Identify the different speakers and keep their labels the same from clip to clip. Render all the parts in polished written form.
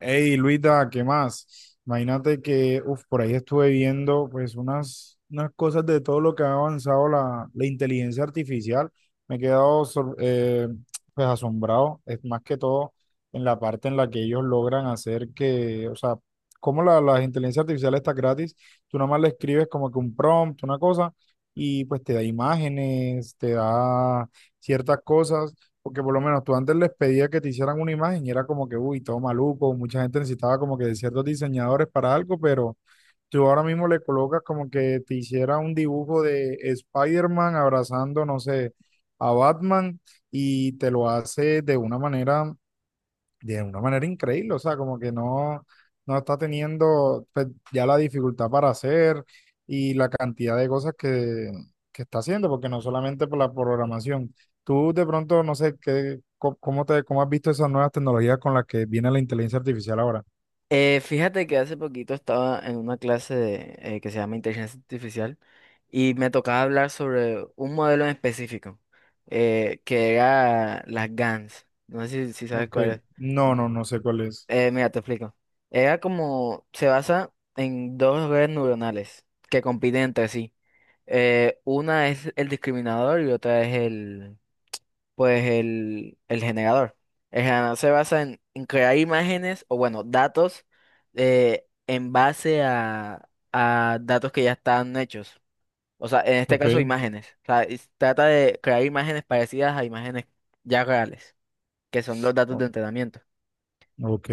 Speaker 1: Hey, Luita, ¿qué más? Imagínate que, uf, por ahí estuve viendo pues unas cosas de todo lo que ha avanzado la inteligencia artificial. Me he quedado pues asombrado, es más que todo en la parte en la que ellos logran hacer que, o sea, como la inteligencia artificial está gratis, tú nada más le escribes como que un prompt, una cosa, y pues te da imágenes, te da ciertas cosas porque por lo menos tú antes les pedías que te hicieran una imagen y era como que, uy, todo maluco, mucha gente necesitaba como que de ciertos diseñadores para algo, pero tú ahora mismo le colocas como que te hiciera un dibujo de Spider-Man abrazando, no sé, a Batman y te lo hace de una manera increíble, o sea, como que no, no está teniendo pues, ya la dificultad para hacer y la cantidad de cosas que está haciendo, porque no solamente por la programación. Tú de pronto, no sé, qué, cómo te, cómo has visto esas nuevas tecnologías con las que viene la inteligencia artificial ahora.
Speaker 2: Fíjate que hace poquito estaba en una clase de, que se llama Inteligencia Artificial y me tocaba hablar sobre un modelo en específico, que era las GANs. No sé si sabes
Speaker 1: Ok,
Speaker 2: cuál es.
Speaker 1: no, no, no sé cuál es.
Speaker 2: Mira, te explico. Era como, se basa en dos redes neuronales que compiten entre sí. Una es el discriminador y otra es pues el generador. El generador se basa en crear imágenes o bueno, datos en base a datos que ya están hechos. O sea, en este
Speaker 1: Ok,
Speaker 2: caso imágenes. O sea, trata de crear imágenes parecidas a imágenes ya reales, que son los datos
Speaker 1: o-
Speaker 2: de entrenamiento.
Speaker 1: ok,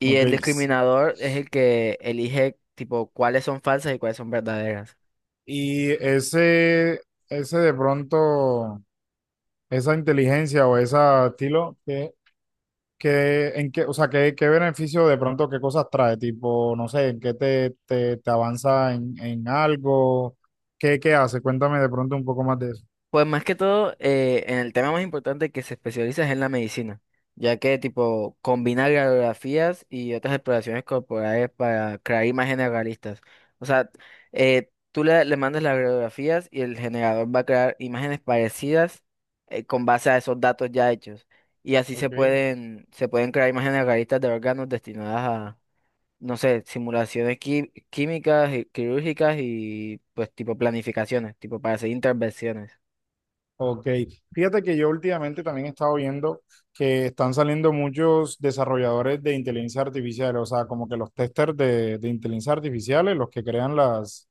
Speaker 2: Y
Speaker 1: ok.
Speaker 2: el discriminador es el que elige tipo cuáles son falsas y cuáles son verdaderas.
Speaker 1: Y ese de pronto, esa inteligencia o ese estilo, ¿qué, en qué, o sea, qué, qué beneficio de pronto, qué cosas trae? Tipo, no sé, ¿en qué te, te, te avanza en algo? ¿Qué, qué hace? Cuéntame de pronto un poco más de eso.
Speaker 2: Pues más que todo, en el tema más importante que se especializa es en la medicina, ya que tipo combina radiografías y otras exploraciones corporales para crear imágenes realistas. O sea, tú le mandas las radiografías y el generador va a crear imágenes parecidas con base a esos datos ya hechos. Y así se
Speaker 1: Ok.
Speaker 2: se pueden crear imágenes realistas de órganos destinadas a, no sé, simulaciones químicas y quirúrgicas y pues tipo planificaciones, tipo para hacer intervenciones.
Speaker 1: Ok, fíjate que yo últimamente también he estado viendo que están saliendo muchos desarrolladores de inteligencia artificial, o sea, como que los testers de inteligencia artificiales, los que crean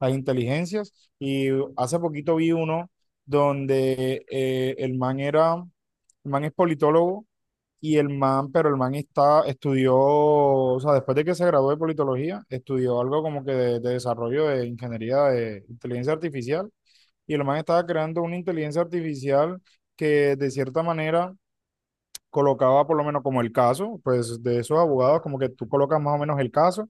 Speaker 1: las inteligencias. Y hace poquito vi uno donde el man era, el man es politólogo y el man, pero el man está, estudió, o sea, después de que se graduó de politología, estudió algo como que de desarrollo de ingeniería de inteligencia artificial y el man estaba creando una inteligencia artificial que de cierta manera colocaba por lo menos como el caso, pues de esos abogados, como que tú colocas más o menos el caso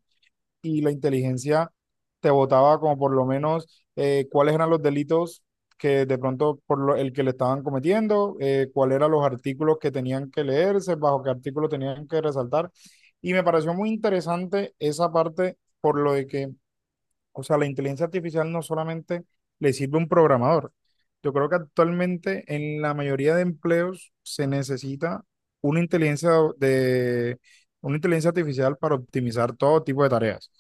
Speaker 1: y la inteligencia te botaba como por lo menos cuáles eran los delitos que de pronto el que le estaban cometiendo, cuáles eran los artículos que tenían que leerse, bajo qué artículo tenían que resaltar. Y me pareció muy interesante esa parte por lo de que o sea, la inteligencia artificial no solamente le sirve a un programador. Yo creo que actualmente en la mayoría de empleos se necesita una inteligencia de una inteligencia artificial para optimizar todo tipo de tareas.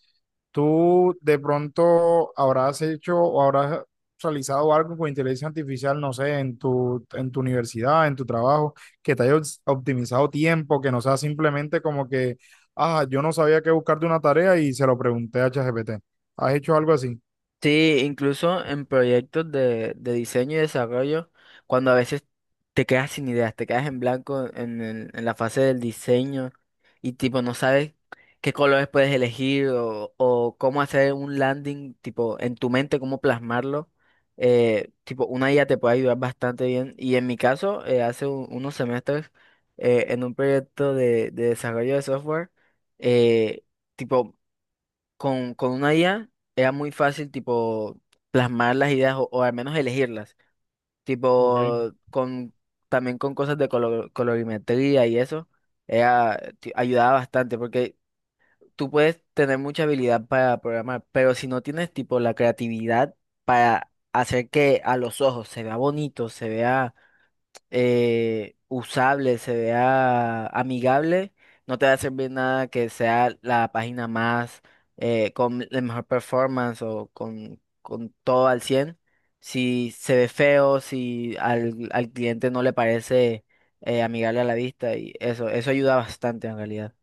Speaker 1: Tú de pronto habrás hecho o habrás realizado algo con inteligencia artificial, no sé, en tu universidad, en tu trabajo, que te haya optimizado tiempo, que no sea simplemente como que, ah, yo no sabía qué buscar de una tarea y se lo pregunté a ChatGPT. ¿Has hecho algo así?
Speaker 2: Sí, incluso en proyectos de diseño y desarrollo, cuando a veces te quedas sin ideas, te quedas en blanco en la fase del diseño y tipo no sabes qué colores puedes elegir o cómo hacer un landing, tipo en tu mente, cómo plasmarlo, tipo una IA te puede ayudar bastante bien. Y en mi caso, hace unos semestres, en un proyecto de desarrollo de software, eh, tipo con una IA era muy fácil, tipo, plasmar las ideas o al menos elegirlas.
Speaker 1: Ok.
Speaker 2: Tipo, con, también con cosas de colorimetría y eso, era, ayudaba bastante porque tú puedes tener mucha habilidad para programar, pero si no tienes, tipo, la creatividad para hacer que a los ojos se vea bonito, se vea usable, se vea amigable, no te va a servir nada que sea la página más con la mejor performance o con todo al cien. Si se ve feo, si al cliente no le parece amigable a la vista y eso ayuda bastante en realidad.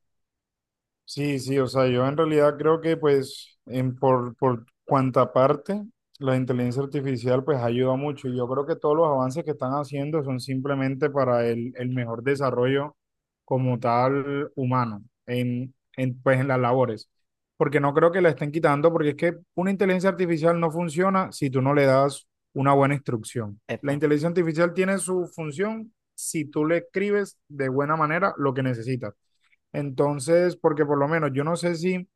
Speaker 1: Sí, sí, o sea, yo en realidad creo que pues en por cuanta parte la inteligencia artificial pues ayuda mucho y yo creo que todos los avances que están haciendo son simplemente para el mejor desarrollo como tal humano en, pues en las labores, porque no creo que la estén quitando porque es que una inteligencia artificial no funciona si tú no le das una buena instrucción. La
Speaker 2: Epa.
Speaker 1: inteligencia artificial tiene su función si tú le escribes de buena manera lo que necesitas. Entonces, porque por lo menos yo no sé si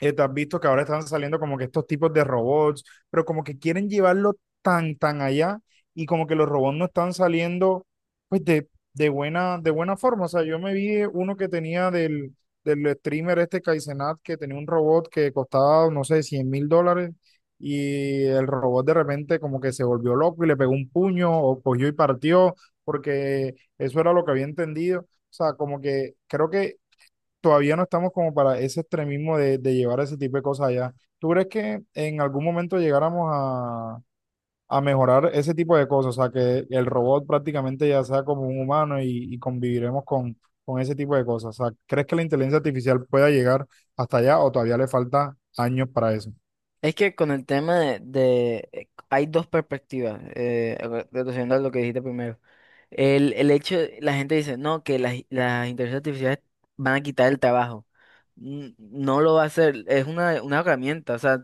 Speaker 1: te has visto que ahora están saliendo como que estos tipos de robots, pero como que quieren llevarlo tan, tan allá y como que los robots no están saliendo pues de buena forma. O sea, yo me vi uno que tenía del, del streamer este Kaizenat que tenía un robot que costaba, no sé, $100.000 y el robot de repente como que se volvió loco y le pegó un puño o cogió y partió porque eso era lo que había entendido. O sea, como que creo que todavía no estamos como para ese extremismo de llevar ese tipo de cosas allá. ¿Tú crees que en algún momento llegáramos a mejorar ese tipo de cosas? O sea, que el robot prácticamente ya sea como un humano y conviviremos con ese tipo de cosas. O sea, ¿crees que la inteligencia artificial pueda llegar hasta allá o todavía le falta años para eso?
Speaker 2: Es que con el tema de hay dos perspectivas, reduciendo a lo que dijiste primero. El hecho, la gente dice, no, que las inteligencias artificiales van a quitar el trabajo. No lo va a hacer, es una herramienta, o sea,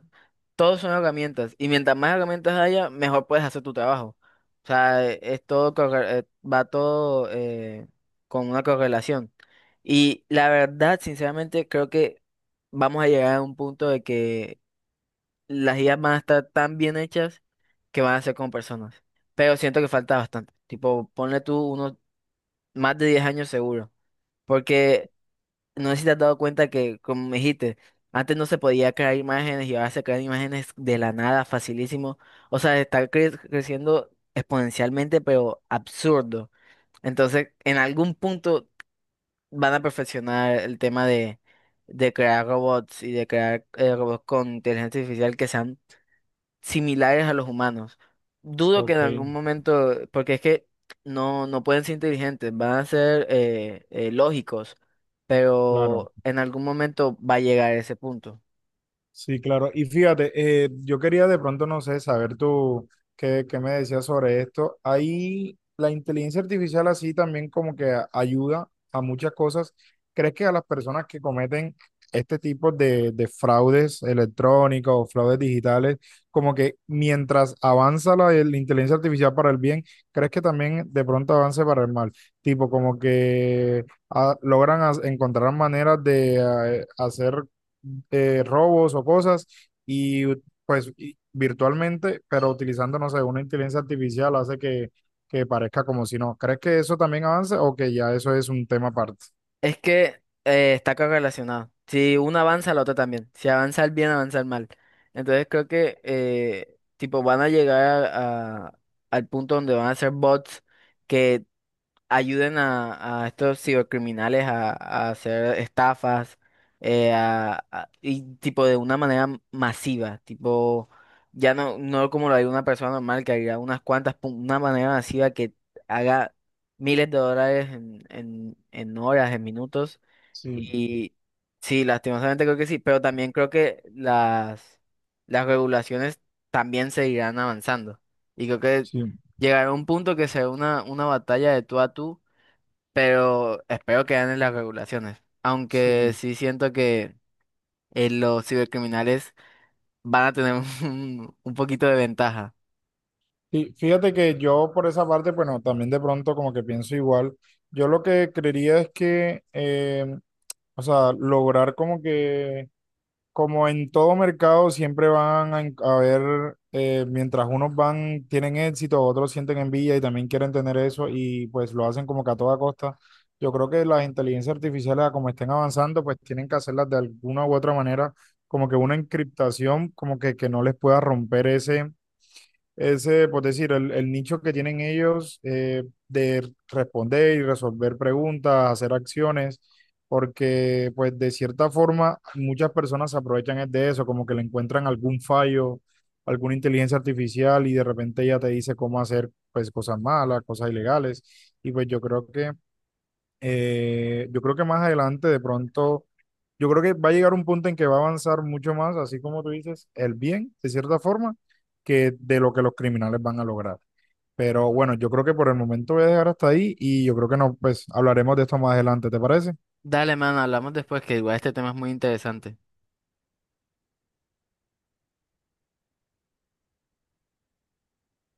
Speaker 2: todos son herramientas y mientras más herramientas haya, mejor puedes hacer tu trabajo. O sea, es todo, va todo con una correlación. Y la verdad, sinceramente, creo que vamos a llegar a un punto de que las ideas van a estar tan bien hechas que van a ser como personas. Pero siento que falta bastante. Tipo, ponle tú unos más de 10 años seguro, porque no sé si te has dado cuenta que, como me dijiste, antes no se podía crear imágenes y ahora se crean imágenes de la nada, facilísimo. O sea, está creciendo exponencialmente, pero absurdo. Entonces, en algún punto van a perfeccionar el tema de crear robots y de crear robots con inteligencia artificial que sean similares a los humanos. Dudo que en
Speaker 1: Ok,
Speaker 2: algún momento, porque es que no, no pueden ser inteligentes, van a ser lógicos,
Speaker 1: claro.
Speaker 2: pero en algún momento va a llegar a ese punto.
Speaker 1: Sí, claro. Y fíjate, yo quería de pronto, no sé, saber tú qué, qué me decías sobre esto. Ahí la inteligencia artificial así también como que ayuda a muchas cosas. ¿Crees que a las personas que cometen este tipo de fraudes electrónicos o fraudes digitales, como que mientras avanza la inteligencia artificial para el bien, crees que también de pronto avance para el mal? Tipo, como que ah, logran encontrar maneras de hacer robos o cosas y pues virtualmente, pero utilizando, no sé, una inteligencia artificial hace que parezca como si no. ¿Crees que eso también avance o que ya eso es un tema aparte?
Speaker 2: Es que está correlacionado. Si uno avanza, la otra también. Si avanza el bien, avanza el mal. Entonces creo que tipo van a llegar al punto donde van a ser bots, que ayuden a estos cibercriminales a hacer estafas y tipo de una manera masiva, tipo ya no, no como lo haría una persona normal que haría unas cuantas, pum, una manera masiva que haga miles de dólares en horas, en minutos
Speaker 1: Sí,
Speaker 2: y sí, lastimosamente creo que sí, pero también creo que las regulaciones también seguirán avanzando y creo que
Speaker 1: sí,
Speaker 2: llegará un punto que será una batalla de tú a tú, pero espero que ganen las regulaciones. Aunque
Speaker 1: sí.
Speaker 2: sí siento que los cibercriminales van a tener un poquito de ventaja.
Speaker 1: Y fíjate que yo por esa parte, bueno, también de pronto como que pienso igual. Yo lo que creería es que, o sea, lograr como que como en todo mercado, siempre van a, a ver, mientras unos van, tienen éxito, otros sienten envidia y también quieren tener eso y pues lo hacen como que a toda costa. Yo creo que las inteligencias artificiales, a como estén avanzando, pues tienen que hacerlas de alguna u otra manera, como que una encriptación, como que no les pueda romper ese, ese, por decir, el nicho que tienen ellos de responder y resolver preguntas, hacer acciones, porque pues de cierta forma muchas personas se aprovechan es de eso, como que le encuentran algún fallo, alguna inteligencia artificial y de repente ella te dice cómo hacer pues cosas malas, cosas ilegales. Y pues yo creo que más adelante, de pronto, yo creo que va a llegar un punto en que va a avanzar mucho más, así como tú dices, el bien, de cierta forma, que de lo que los criminales van a lograr. Pero bueno, yo creo que por el momento voy a dejar hasta ahí y yo creo que no, pues hablaremos de esto más adelante, ¿te parece?
Speaker 2: Dale, mano, hablamos después, que igual este tema es muy interesante.